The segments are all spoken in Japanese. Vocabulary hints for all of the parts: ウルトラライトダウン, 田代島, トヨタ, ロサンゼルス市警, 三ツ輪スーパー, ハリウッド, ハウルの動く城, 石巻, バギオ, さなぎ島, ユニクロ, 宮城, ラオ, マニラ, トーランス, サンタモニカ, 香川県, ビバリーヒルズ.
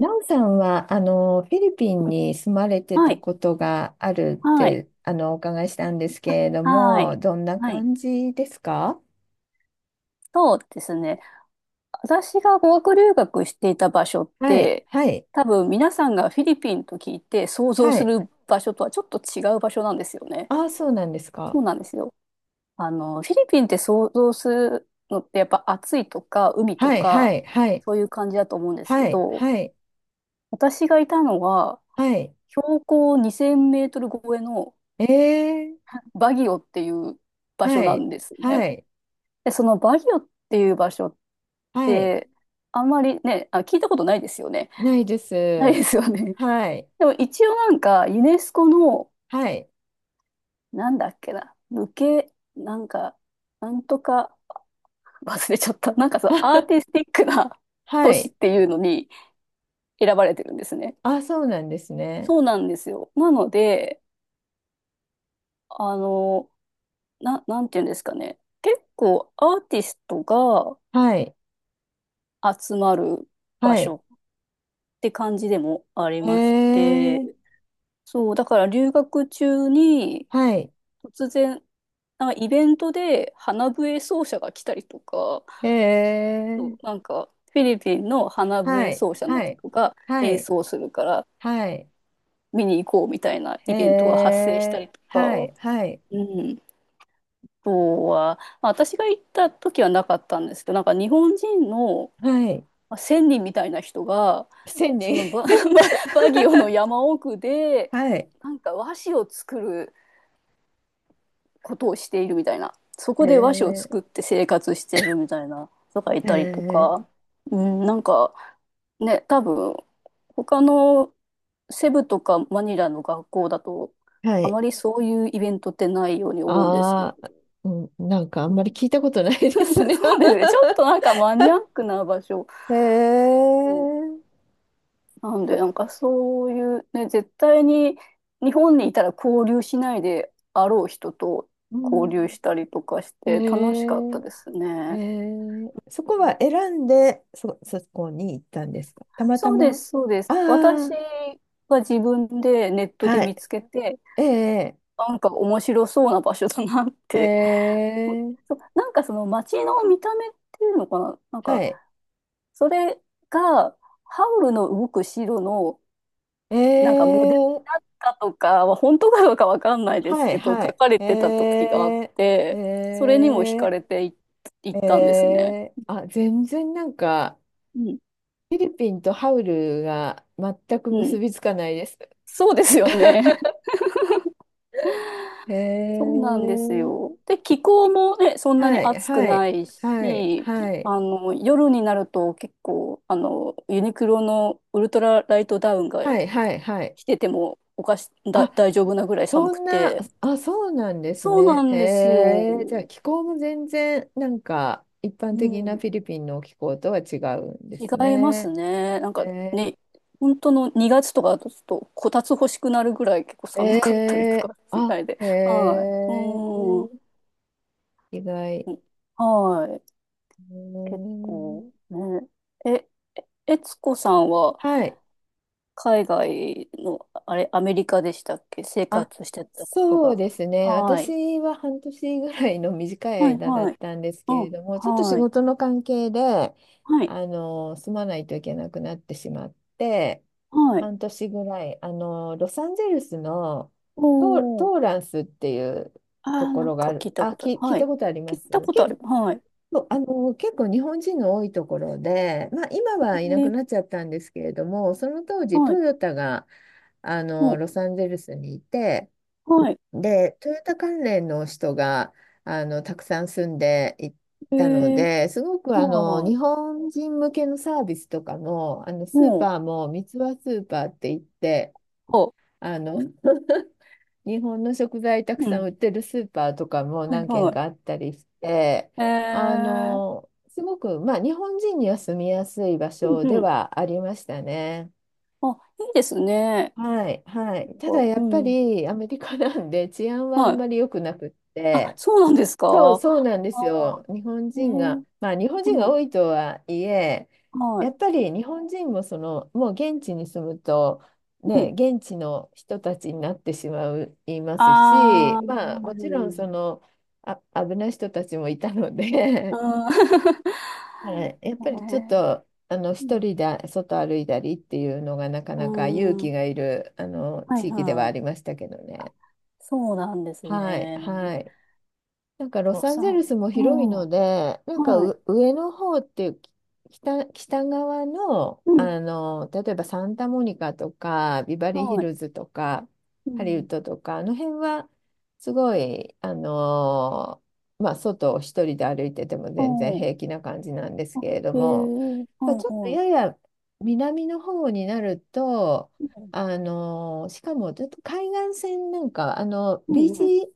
ラオさんは、フィリピンに住まれてはたい、ことがあるっはい、て、お伺いしたんですけれどはも、い、どんなはい。感じですか？そうですね。私が語学留学していた場所っはい、て、はい、多分皆さんがフィリピンと聞いて想像はすい。る場所とはちょっと違う場所なんですよね。ああ、そうなんですそか。うなんですよ。あの、フィリピンって想像するのってやっぱ暑いとか海とはい、はか、い、はい、そういう感じだと思うんですけはい、ど、はい、私がいたのははい。標高2000メートル超えのええ、バギオっていう場所はない、んですはね。い、で、そのバギオっていう場所っはい。で、あんまりね、あ、聞いたことないですよね。ないで ないです。すよね。はい、でも一応なんか、ユネスコの、はい。なんだっけな、無形、なんか、なんとか、忘れちゃった。なんかそのアーティ スティックなは都市っい。ていうのに 選ばれてるんですね。あ、そうなんですね。そうなんですよ。なので、あの、なんていうんですかね。結構アーティストがはい、集まる場はい。所って感じでもありへまして、え、そう、だから留学中に、はい、突然、なんかイベントで花笛奏者が来たりとか、へそえ。うなんかフィリピンの花は笛い、奏者のはい、人がは演い、奏するからはい、見に行こうみたいなへイベントが発生したえ、りとか、はい、はい、うん、あとは、まあ、私が行った時はなかったんですけど、なんか日本人のはい、まあ人みたいな人が、千そ人 のバ、ババギオの山奥 で、はい、なんか和紙を作ることをしているみたいな。そへこで和紙をえ、作って生活しているみたいな人がいへたりとえ、か、うん、なんかね、多分他のセブとかマニラの学校だと、はあい、まりそういうイベントってないように思うんですけど ああ、うん、なんかあん まり聞いたことないですね。 そうですね。ちょっとなんかマニアックな場所。へえ、なんで、なんかそういうね、絶対に日本にいたら交流しないであろう人とう交ん、流したりとかしへて楽しかったえ、ですへね。え、そこは選んで、そこに行ったんですか、たまたそうでま。あす、そうです。私あ、が自分でネットではい、見つけて、ええ、なんか面白そうな場所だなっえて。え、そう、なんかその街の見た目っていうのかな、なんはかい。それがハウルの動く城のえなんかモデルにー、なったとかは本当かどうかわかんないですはいけど、書はい。かれてたえ時があっー、て、それにも惹かえれてい、いっー、たんですね。えー、あ、全然なんか、うん、フィリピンとハウルが全くう結ん、びつかないです。そうですよね。えそうなんですー、よ。で、気候もね、そんなにはい暑くはいないはいし、はい、あの、夜になると結構、あの、ユニクロのウルトラライトダウンがはいはいはい。着ててもおかし、だ、あ、大丈夫なぐらい寒そくんな、て。あ、そうなんですそうなね。へんですよ。えー、じゃあ気候も全然なんか、一般う的なん。フィリピンの気候とは違うんです違いますね。ね。なんかへね、本当の2月とかだとちょっとこたつ欲しくなるぐらい結構え寒かったりとかえ、するみあ、たいで。へはい。え、うん。意外。はい。う結ん、構ね。え、えつこさんははい。海外の、あれ、アメリカでしたっけ生あ、活してたことそうが。ですね。はい。私は半年ぐらいの短いはい、間だっはい。たんですうけれん、ども、ちょっと仕はい。事の関係で、はい、住まないといけなくなってしまって、はい。半年ぐらい、ロサンゼルスのトおー。ーランスっていうあとあ、こなんろがあか聞る。いたことある。聞いはたい。ことありま聞いたすことあ結、る。はい。そう、結構日本人の多いところで、まあ、今えはいなくー、なっちゃったんですけれども、その当時はトい。ヨタがあのもロサンゼルスにいて、う、はい。でトヨタ関連の人があのたくさん住んでいえたのー、で、すごくあはのい、は日本人向けのサービスとかも、あのい。スーもう、パーも三ツ輪スーパーって言って、あ、あの 日本の食材たくうさんん。売ってるスーパーとかもはい、何軒はかあったりして、い。えー、すごく、まあ、日本人には住みやすい場う所ん、でうん。はありましたね。あ、いいですね。はい、はい。ただこやうっぱうん。りアメリカなんで治安はあはんい。まり良くなくっあ、て、そうなんですか そうなんで あすよ。あ日本え人が、ー、まあ日本人うがん、多いとはいえ、はやい。っぱり日本人もその、もう現地に住むと、うね、ん。現地の人たちになってしまう、いまあすし、あ、はまあもちいろんその、あ、危ない人たちもいたので、だからやっはぱいりちょっはと、い。う一ん。人で外歩いたりっていうのがなかえー、うなか勇ん。うん気がいる、はい地域でははあい。りましたけどね。そうなんですはい、ね。はい。なんかロ予サンゼ算。ルスもう広いのん。で、なんか、はい。う、上の方っていうき、北側の、うん。例えばサンタモニカとか、ビバリーヒはい。ルズとか、うハリウッん。ドとか、あの辺は、すごい、あの、まあ、外を一人で歩いててもお全然ー平気な感じなんですあ、けれどえも、ー、まあ、はいちょっとはい。やや南の方になると、うん。あのしかもちょっと海岸線なんかあのうビんーうん。チ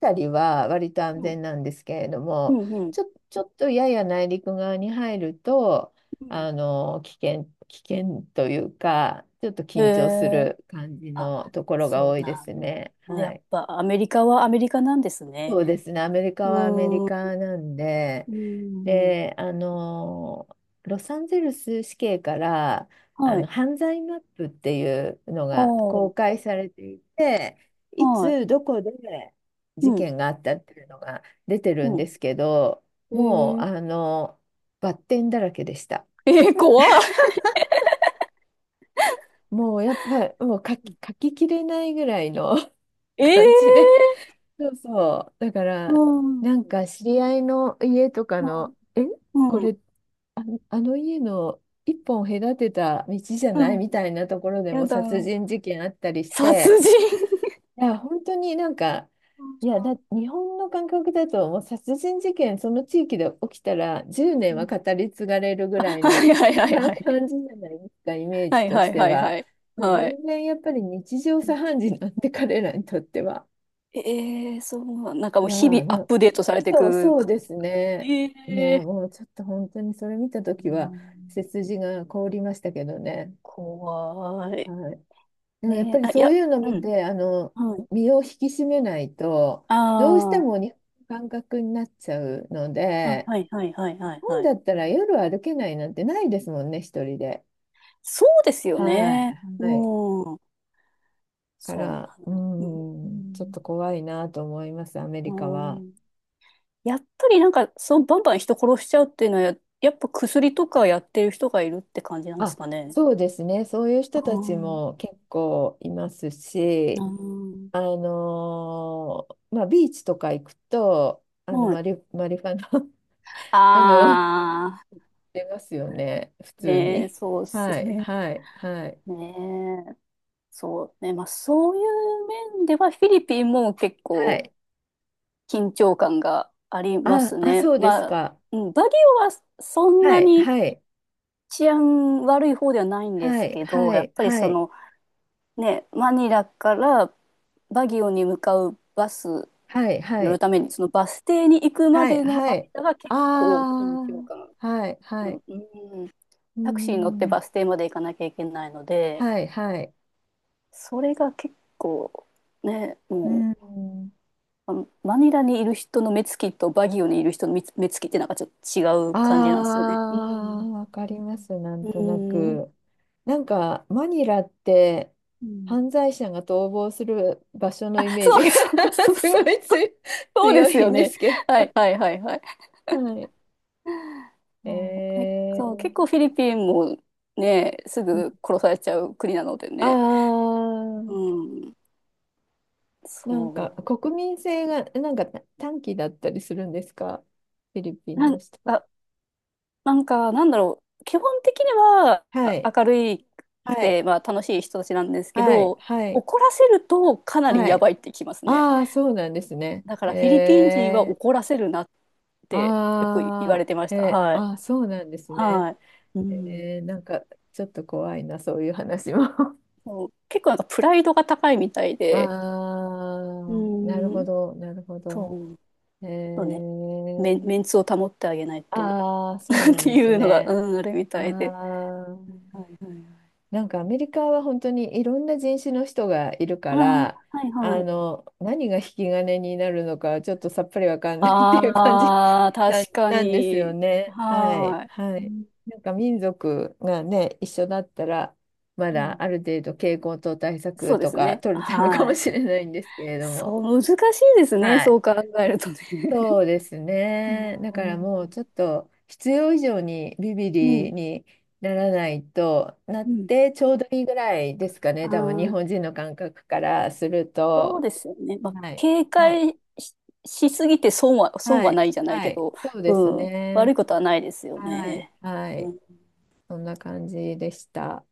たりは割と安うん。全なんですけれどうも、ん。うん。ちょっとやや内陸側に入ると、うん危険というか、ちょっとへ緊張すえ。る感じあ、のところがそ多ういでなすんだ。ね。はやっい。ぱアメリカはアメリカなんですね。そうですね。アメリうカはアメリーん、うカなんで、ーん、で、ロサンゼルス市警から、はい。犯罪マップっていうのあが公あ、開されていて、いはつ、い。どこで事うん、件があったっていうのが出てるんうん。ですけど、えもう、ー、バッテンだらけでした。えー、怖い。もう、やっぱ、もう書き、書ききれないぐらいの 感じで、ええそうそう。だかー、ら、うん、なんか知り合いの家とかうの、え、ん、こうん、れ、あ、あの家の一本隔てた道じゃうないんみたいなところでやもだ。殺人事件あったりし殺て、人。いや、本当になんか、いや、だ、日本の感覚だと、もう殺人事件、その地域で起きたら、10う年はん語り継がれるぐらいはの いはい はいかはい。感じじゃないですか、イメーはジいとはしいてはいは。はい。もうはい。全然やっぱり日常う茶ん飯事なんで、彼らにとっては。ええー、そう、なんかいもうや日々ーアッな、プデートされていくそう感ですじ。ね。いやー、ええもうちょっと本当にそれ見たとー、うきは、ん背筋が凍りましたけどね。怖い。はい。でもやっねぱりえ、あ、いそうや、いうのう見ん、て、はい。身を引き締めないと、あどうしてもー日本の感覚になっちゃうのあ、で、はい、はい、はい、日はい、本はい。だったら夜歩けないなんてないですもんね、一人で。そうですよはい。ね。はい。うん、かそうら、なうの。うん、ちょっとん、怖いなと思います、アメうリカんうは。んやっぱりなんか、そう、バンバン人殺しちゃうっていうのはやっぱ薬とかやってる人がいるって感じなんですあ、かね。そうですね。そういう人うたちん、も結構いますうし、ん、あのーまあ、ビーチとか行くと、はい。マリファナ あの、ああ、出ますよね。普通ねえ、に。そうではすい、ね。はい、はい。ねえ、そうね。まあ、そういう面では、フィリピンも結は構、い。緊張感がありまあ、すあ、ね。そうですまあ、か。うんバリオはそんはない、にはい、治安悪い方ではないんではすい、けど、はやっい、ぱりはそい、のね、マニラからバギオに向かうバスはい、には乗るい、ために、そのバス停に行くまはい、でのはい。間があ結構緊張感、あ、はい、はうい。ん、うんうータクシーに乗ってん、バス停まで行かなきゃいけないので、はい、はい。それが結構ね、うーもうん、あのマニラにいる人の目つきとバギオにいる人の目つきってなんかちょっと違う感じなんですよね。うあん。ー、わかります、なんうとなん。く。なんか、マニラって、うん犯罪者が逃亡する場所のあ、イメーそジが うそう そうすそごう。いつそうで強すいよんでね。すけど。はいはいはいはい。はい。えそうねそう、結構ー、フィリピンもね、すぐ殺されちゃう国なのであね。うー、ん、なんか、そ国民性が、なんか短期だったりするんですか、フィリピう。ンなのん人は。か、なんか、なんだろう。基本的にははい。明るいくはい。て、まあ楽しい人たちなんですけはい。ど、はい。怒らせるとかなりはやい。ばいってきますね。ああ、そうなんですね。だからフィリピン人はえ、怒らせるなってよく言わあれてましあ、た。へ、はい。あ、そうなんですね。はい。うん。えー、なんかちょっと怖いな、そういう話も。そう結構なんかプライドが高いみたい あで、うあ、なるほん、ど、なるほど。そう、えそうね、ー、メンツを保ってあげないと ああ、そうなっんてですいうのが、ね。うん、あるみあたいで。あ。はいなんかアメリカは本当にいろんな人種の人がいるから、はいはい。ああ、はいはい。何が引き金になるのかちょっとさっぱりわかんないっていう感じ ああ、な、確かなんですよに。ね。はい。ははい。うい。んなんか民族がね、一緒だったら、まうんだある程度傾向と対策そうでとすかね。取れたのかはもい。しれないんですけれどそも。う、難しいですね。はそうい。考えるとね。そうです ね。だうからん、も うちょっと必要以上にビビうリん、にならないとなっうんてちょうどいいぐらいですかね。あ多分日あ、本人の感覚からするそうと。ですよね。まあ、はい。警はい。戒し、しすぎて損は、損ははい。ないじゃないはけい。ど、そうですうん、悪ね。いことはないですよはい。ね。はうい。んそんな感じでした。